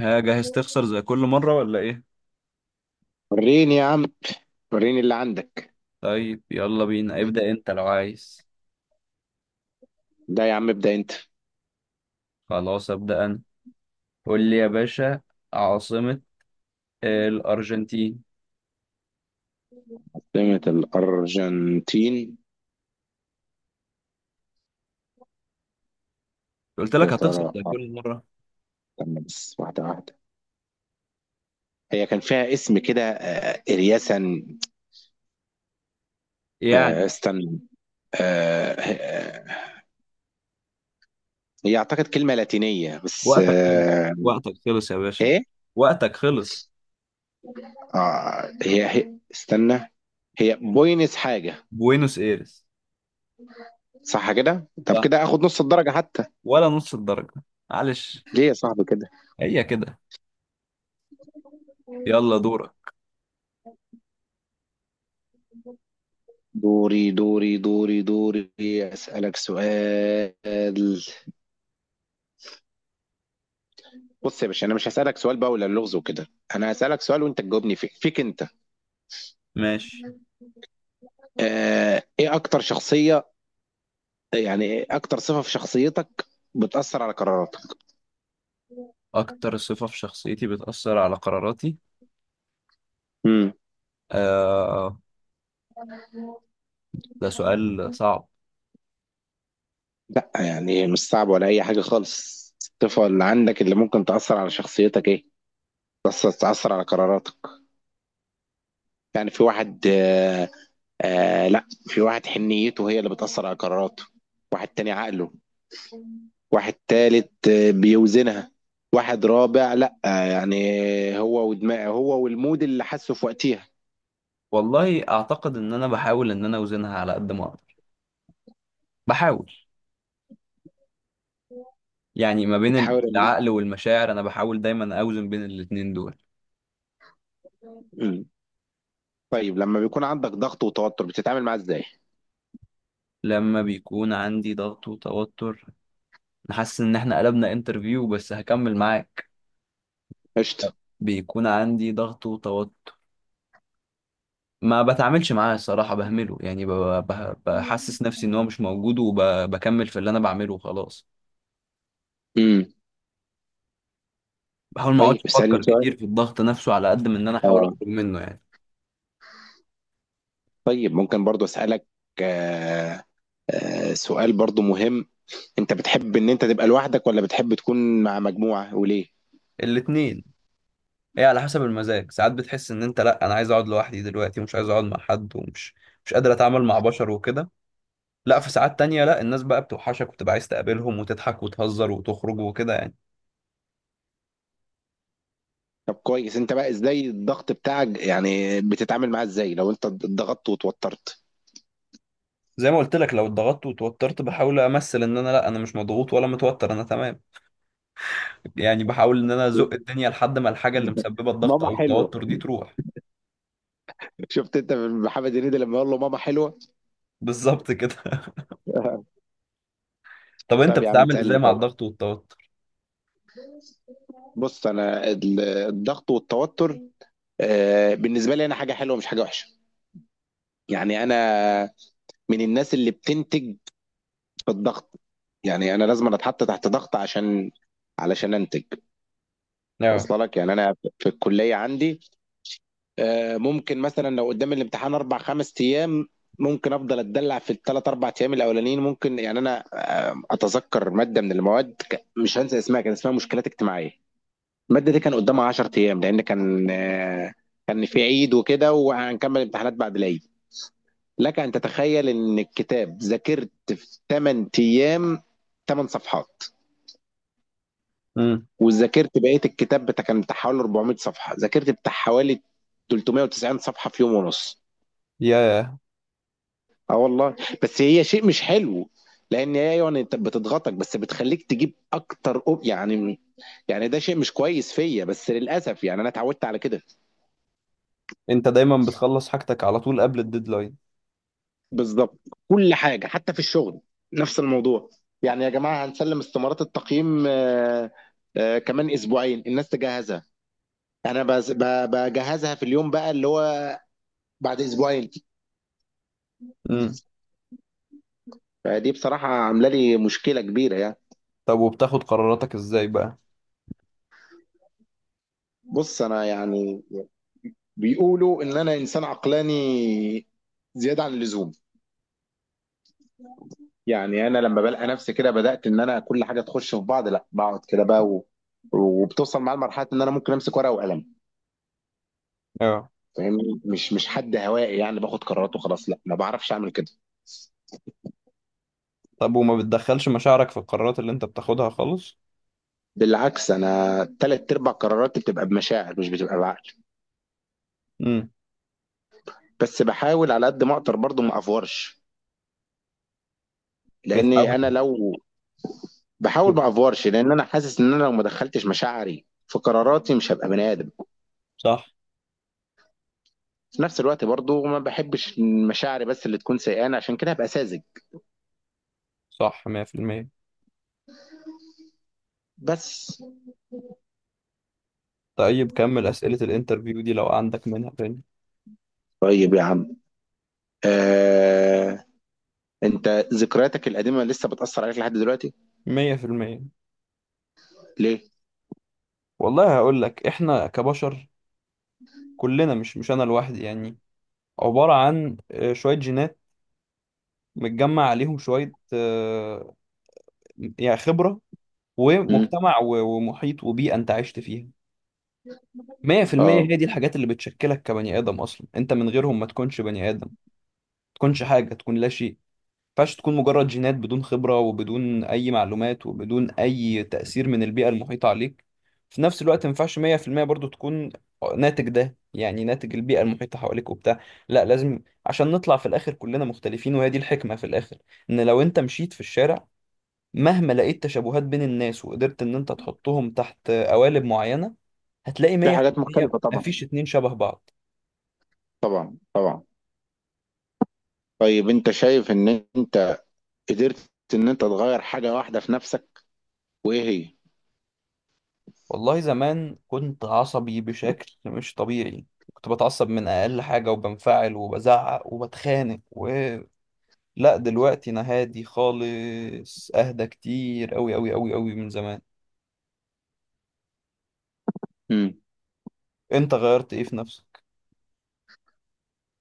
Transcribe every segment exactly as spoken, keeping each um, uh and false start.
ها جاهز تخسر زي كل مرة ولا ايه؟ وريني يا عم. وريني اللي عندك. طيب يلا بينا ابدأ انت لو عايز. ده يا عم ابدأ انت. خلاص ابدأ انا. قول لي يا باشا. عاصمة الأرجنتين. عاصمة الأرجنتين، قلت يا لك هتخسر ترى؟ زي كل مرة. استنى بس، واحدة واحدة. هي كان فيها اسم كده آه، إرياسا. آه، يعني. استنى. آه، آه، هي أعتقد كلمة لاتينية بس وقتك خلص. آه، وقتك خلص يا باشا. إيه؟ وقتك خلص. آه، هي هي استنى. هي بوينس حاجة. بوينوس ايرس. صح كده؟ طب صح. كده آخد نص الدرجة حتى. ولا نص الدرجة، معلش. ليه يا صاحبي كده؟ هي كده. يلا دورك. دوري دوري دوري دوري. أسألك سؤال. بص يا باشا، انا مش هسألك سؤال بقى ولا اللغز وكده. انا هسألك سؤال وانت تجاوبني فيه، فيك انت. ماشي. آه ايه اكتر شخصية، يعني إيه اكتر صفة في شخصيتك بتأثر على قراراتك؟ أكتر صفة في شخصيتي بتأثر على قراراتي. امم آه ده سؤال صعب. لا يعني مش صعب ولا اي حاجة خالص. الصفة اللي عندك اللي ممكن تأثر على شخصيتك ايه، تأثر تأثر على قراراتك؟ يعني في واحد آه آه لا، في واحد حنيته هي اللي بتأثر على قراراته، واحد تاني عقله، واحد تالت آه، بيوزنها، واحد رابع لا آه، يعني هو ودماغه هو والمود اللي حاسه في وقتها. والله اعتقد ان انا بحاول ان انا اوزنها على قد ما اقدر، بحاول. يعني ما بين بتحاول إن- العقل والمشاعر انا بحاول دايما اوزن بين الاتنين دول. مم. طيب لما بيكون عندك ضغط وتوتر بتتعامل معاه ازاي؟ لما بيكون عندي ضغط وتوتر، حاسس ان احنا قلبنا انترفيو، بس هكمل معاك. قشطة. بيكون عندي ضغط وتوتر، ما بتعاملش معاه الصراحة، بهمله يعني، ب- ب- بحسس نفسي ان هو مش موجود وبكمل في اللي انا بعمله وخلاص. امم. بحاول ما طيب اقعدش اسألني افكر سؤال. كتير في الضغط نفسه على قد ما ان انا احاول اه. اخرج منه يعني. طيب ممكن برضو اسألك آه آه سؤال برضو مهم. انت بتحب ان انت تبقى لوحدك ولا بتحب تكون مع مجموعة، وليه؟ الاتنين. هي على حسب المزاج، ساعات بتحس ان انت، لا انا عايز اقعد لوحدي دلوقتي ومش عايز اقعد مع حد ومش مش قادر اتعامل مع بشر وكده. لا، في ساعات تانية لا، الناس بقى بتوحشك وتبقى عايز تقابلهم وتضحك وتهزر وتخرج وكده يعني. طب كويس. انت بقى ازاي الضغط بتاعك، يعني بتتعامل معاه ازاي لو انت اتضغطت وتوترت؟ زي ما قلت لك، لو اتضغطت وتوترت بحاول امثل ان انا، لا انا مش مضغوط ولا متوتر، انا تمام يعني. بحاول ان انا ازق الدنيا لحد ما الحاجة اللي مسببة الضغط ماما او حلوه. التوتر دي تروح. شفت انت من محمد هنيدي لما يقول له ماما حلوه؟ بالظبط كده. طب انت طب يا عم بتتعامل ازاي تسالني مع طيب. الضغط والتوتر؟ بص انا ال- الضغط والتوتر آه، بالنسبه لي انا حاجه حلوه، مش حاجه وحشه. يعني انا من الناس اللي بتنتج في الضغط. يعني انا لازم أنا اتحط تحت ضغط عشان علشان انتج. اه. وصل لك؟ يعني انا في الكليه عندي آه، ممكن مثلا لو قدام الامتحان اربع خمس ايام، ممكن افضل اتدلع في الثلاث اربع ايام الاولانيين. ممكن يعني انا آه، اتذكر ماده من المواد ك- مش هنسى اسمها، كان اسمها مشكلات اجتماعيه. الماده دي كان قدامها عشرة ايام، لان كان آه، كان في عيد وكده وهنكمل امتحانات بعد العيد. لك ان تتخيل ان الكتاب ذاكرت في تمن ايام تمن صفحات، امم. وذاكرت بقيه الكتاب، بتاع كان بتاع حوالي أربعمائة صفحه، ذاكرت بتاع حوالي ثلاثمائة وتسعين صفحه في يوم ونص. يا. اه والله. بس هي شيء مش حلو، لان هي يعني انت بتضغطك بس بتخليك تجيب اكتر أوب يعني. يعني ده شيء مش كويس فيا، بس للاسف يعني انا اتعودت على كده. انت دايما بتخلص حاجتك على طول قبل الديدلاين. بالظبط. كل حاجه حتى في الشغل نفس الموضوع. يعني يا جماعه هنسلم استمارات التقييم آه، آه، كمان اسبوعين الناس تجهزها. انا بز- ب- بجهزها في اليوم بقى اللي هو بعد اسبوعين. دي بصراحه عامله لي مشكله كبيره يعني. طب وبتاخد قراراتك ازاي بقى؟ بص انا يعني بيقولوا ان انا انسان عقلاني زياده عن اللزوم. يعني انا لما بلقى نفسي كده بدات ان انا كل حاجه تخش في بعض، لا بقعد كده بقى، و... وبتوصل معايا لمرحله ان انا ممكن امسك ورقه وقلم. اه. فاهمني؟ مش مش حد هوائي يعني باخد قرارات وخلاص، لا ما بعرفش اعمل كده. طب وما بتدخلش مشاعرك في القرارات اللي انت بتاخدها خالص؟ بالعكس، انا ثلاث ارباع قراراتي بتبقى بمشاعر، مش بتبقى بعقل. امم. بس بحاول على قد ما اقدر برضه ما افورش. لاني بتحاول انا لو بحاول تفكر. ما افورش، لان انا حاسس ان انا لو ما دخلتش مشاعري في قراراتي مش هبقى بني ادم. صح. في نفس الوقت برضو ما بحبش مشاعري بس اللي تكون سيئانة، عشان كده هبقى ساذج. صح مية في المية. بس. طيب كمل أسئلة الانترفيو دي لو عندك منها تاني. طيب يا عم، آه... انت ذكرياتك القديمة لسه بتأثر عليك لحد دلوقتي؟ مية في المية. ليه؟ والله هقول لك، احنا كبشر كلنا، مش مش انا لوحدي يعني، عبارة عن آه، شوية جينات متجمع عليهم شوية، آه، يعني خبرة مم. ومجتمع و- ومحيط وبيئة انت عشت فيها. مية في المية اه، هي دي الحاجات اللي بتشكلك كبني آدم، أصلا أنت من غيرهم ما تكونش بني آدم، ما تكونش حاجة، تكون لا شيء. ما ينفعش تكون مجرد جينات بدون خبرة وبدون أي معلومات وبدون أي تأثير من البيئة المحيطة عليك. في نفس الوقت ما ينفعش مية في المية برضو تكون ناتج، ده يعني ناتج البيئة المحيطة حواليك وبتاع، لا لازم، عشان نطلع في الآخر كلنا مختلفين، وهي دي الحكمة في الآخر. إن لو أنت مشيت في الشارع، مهما لقيت تشابهات بين الناس وقدرت ان انت تحطهم تحت قوالب معينة، هتلاقي في حاجات مية في المية مختلفة طبعا. مفيش اتنين شبه بعض. طبعا طبعا. طيب انت شايف ان انت قدرت ان انت تغير حاجة واحدة في نفسك، وايه هي؟ والله زمان كنت عصبي بشكل مش طبيعي، كنت بتعصب من اقل حاجة وبنفعل وبزعق وبتخانق. و... لا دلوقتي انا هادي خالص، اهدى كتير قوي قوي قوي قوي من زمان. مم. انت غيرت ايه في نفسك؟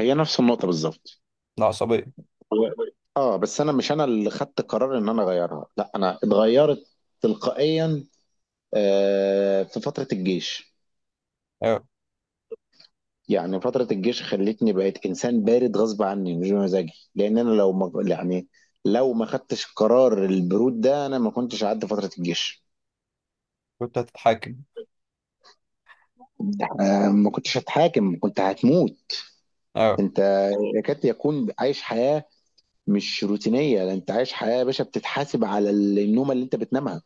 هي نفس النقطة بالظبط. العصبية. هو- اه بس انا مش انا اللي خدت قرار ان انا اغيرها، لا انا اتغيرت تلقائيا آه، في فترة الجيش. اه. يعني فترة الجيش خلتني بقيت إنسان بارد غصب عني، مش بمزاجي، لأن أنا لو ما يعني لو ما خدتش قرار البرود ده أنا ما كنتش عدى فترة الجيش. كنت هتتحاكم. آه، ما كنتش هتحاكم، كنت هتموت. اه. أنت يكاد يكون عايش حياة مش روتينية، ده أنت عايش حياة يا باشا بتتحاسب على ال- النومة اللي أنت بتنامها.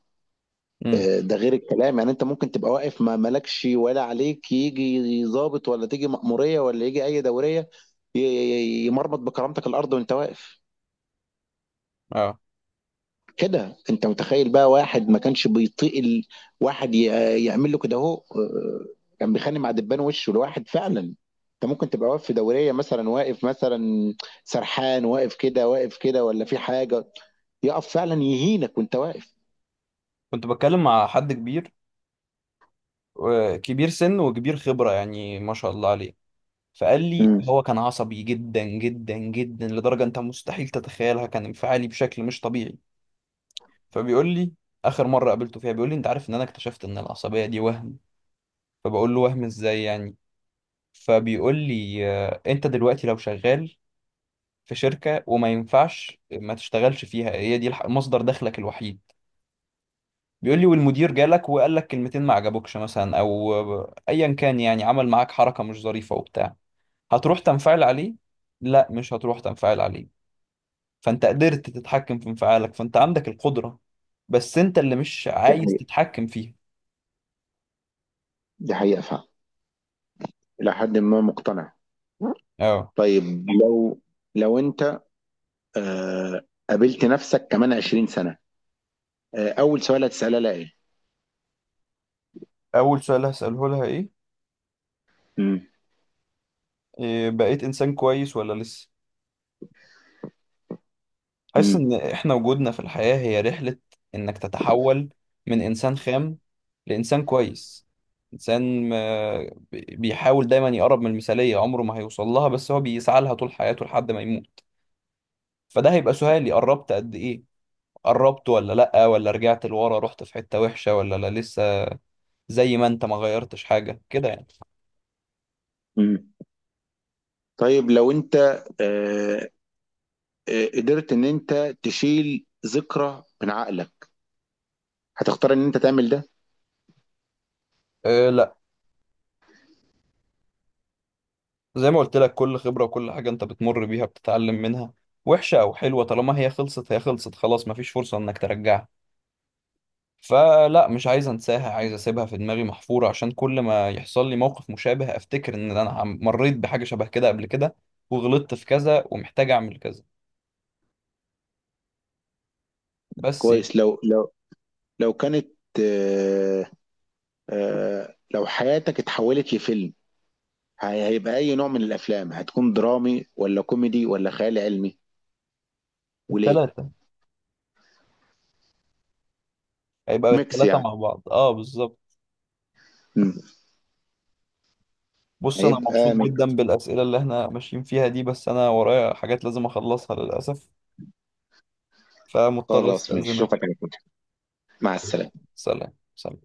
امم. آه، ده غير الكلام. يعني أنت ممكن تبقى واقف ما مالكش ولا عليك، يجي ضابط ولا تيجي مأمورية ولا يجي أي دورية ي- ي- يمرمط بكرامتك الأرض وأنت واقف. اه. كده انت متخيل بقى واحد ما كانش بيطيق ال- واحد ي- يعمل له كده اهو آه، كان بيخانق مع دبان وشه، لواحد فعلا انت ممكن تبقى واقف في دوريه مثلا، واقف مثلا سرحان واقف كده واقف كده ولا في حاجه، يقف فعلا يهينك وانت واقف. كنت بتكلم مع حد كبير، و- كبير سن وكبير خبرة يعني، ما شاء الله عليه. فقال لي امم. هو كان عصبي جدا جدا جدا لدرجة انت مستحيل تتخيلها، كان انفعالي بشكل مش طبيعي. فبيقول لي، اخر مرة قابلته فيها، بيقول لي انت عارف ان انا اكتشفت ان العصبية دي وهم. فبقول له وهم ازاي يعني؟ فبيقول لي، آه، انت دلوقتي لو شغال في شركة وما ينفعش ما تشتغلش فيها، هي دي الح- مصدر دخلك الوحيد، بيقول لي، والمدير جالك وقال لك كلمتين ما عجبوكش مثلا، او آه، ايا كان يعني، عمل معاك حركة مش ظريفة وبتاع، هتروح تنفعل عليه؟ لا مش هتروح تنفعل عليه. فانت قدرت تتحكم في انفعالك، فانت عندك القدرة، بس انت اللي مش دي عايز حقيقة. تتحكم فيها. دي حقيقة فعلا. إلى حد ما مقتنع. اه. طيب لو لو أنت آه قابلت نفسك كمان عشرين سنة، آه أول سؤال هتسألها لها إيه؟ اول سؤال هسأله لها ايه. امم. إيه، بقيت انسان كويس ولا لسه؟ حاسس ان احنا وجودنا في الحياة هي رحلة، انك تتحول من انسان خام لانسان كويس، انسان آه، بي- بيحاول دايما يقرب من المثالية، عمره ما هيوصل لها بس هو بيسعى لها طول حياته لحد ما يموت. فده هيبقى سؤالي، قربت قد ايه؟ قربت ولا لأ، ولا رجعت لورا، رحت في حتة وحشة، ولا لا لسه زي ما انت ما غيرتش حاجة كده يعني. امم. طيب لو انت آه، آه، قدرت ان انت تشيل ذكرى من عقلك، هتختار ان انت تعمل ده؟ أه لا، زي ما قلت لك، كل خبرة وكل حاجة انت بتمر بيها بتتعلم منها، وحشة او حلوة، طالما هي خلصت هي خلصت خلاص، مفيش فرصة انك ترجعها. فلا مش عايز انساها، عايز اسيبها في دماغي محفورة، عشان كل ما يحصل لي موقف مشابه افتكر ان انا عم- مريت بحاجة شبه كده قبل كده، وغلطت في كذا ومحتاج اعمل كذا، بس يعني. كويس. لو لو لو كانت آه، آه، لو حياتك اتحولت لفيلم، هي- هيبقى اي نوع من الافلام، هتكون درامي ولا كوميدي ولا خيال علمي، وليه؟ التلاتة. هيبقى ميكس التلاتة يعني. مع بعض، اه بالظبط. مم. بص انا مبسوط هيبقى ميكس. جدا بالاسئله اللي احنا ماشيين فيها دي، بس انا ورايا حاجات لازم اخلصها للاسف، فمضطر خلاص ماشي، استاذنك. اشوفك على كده. مع السلامة. سلام سلام.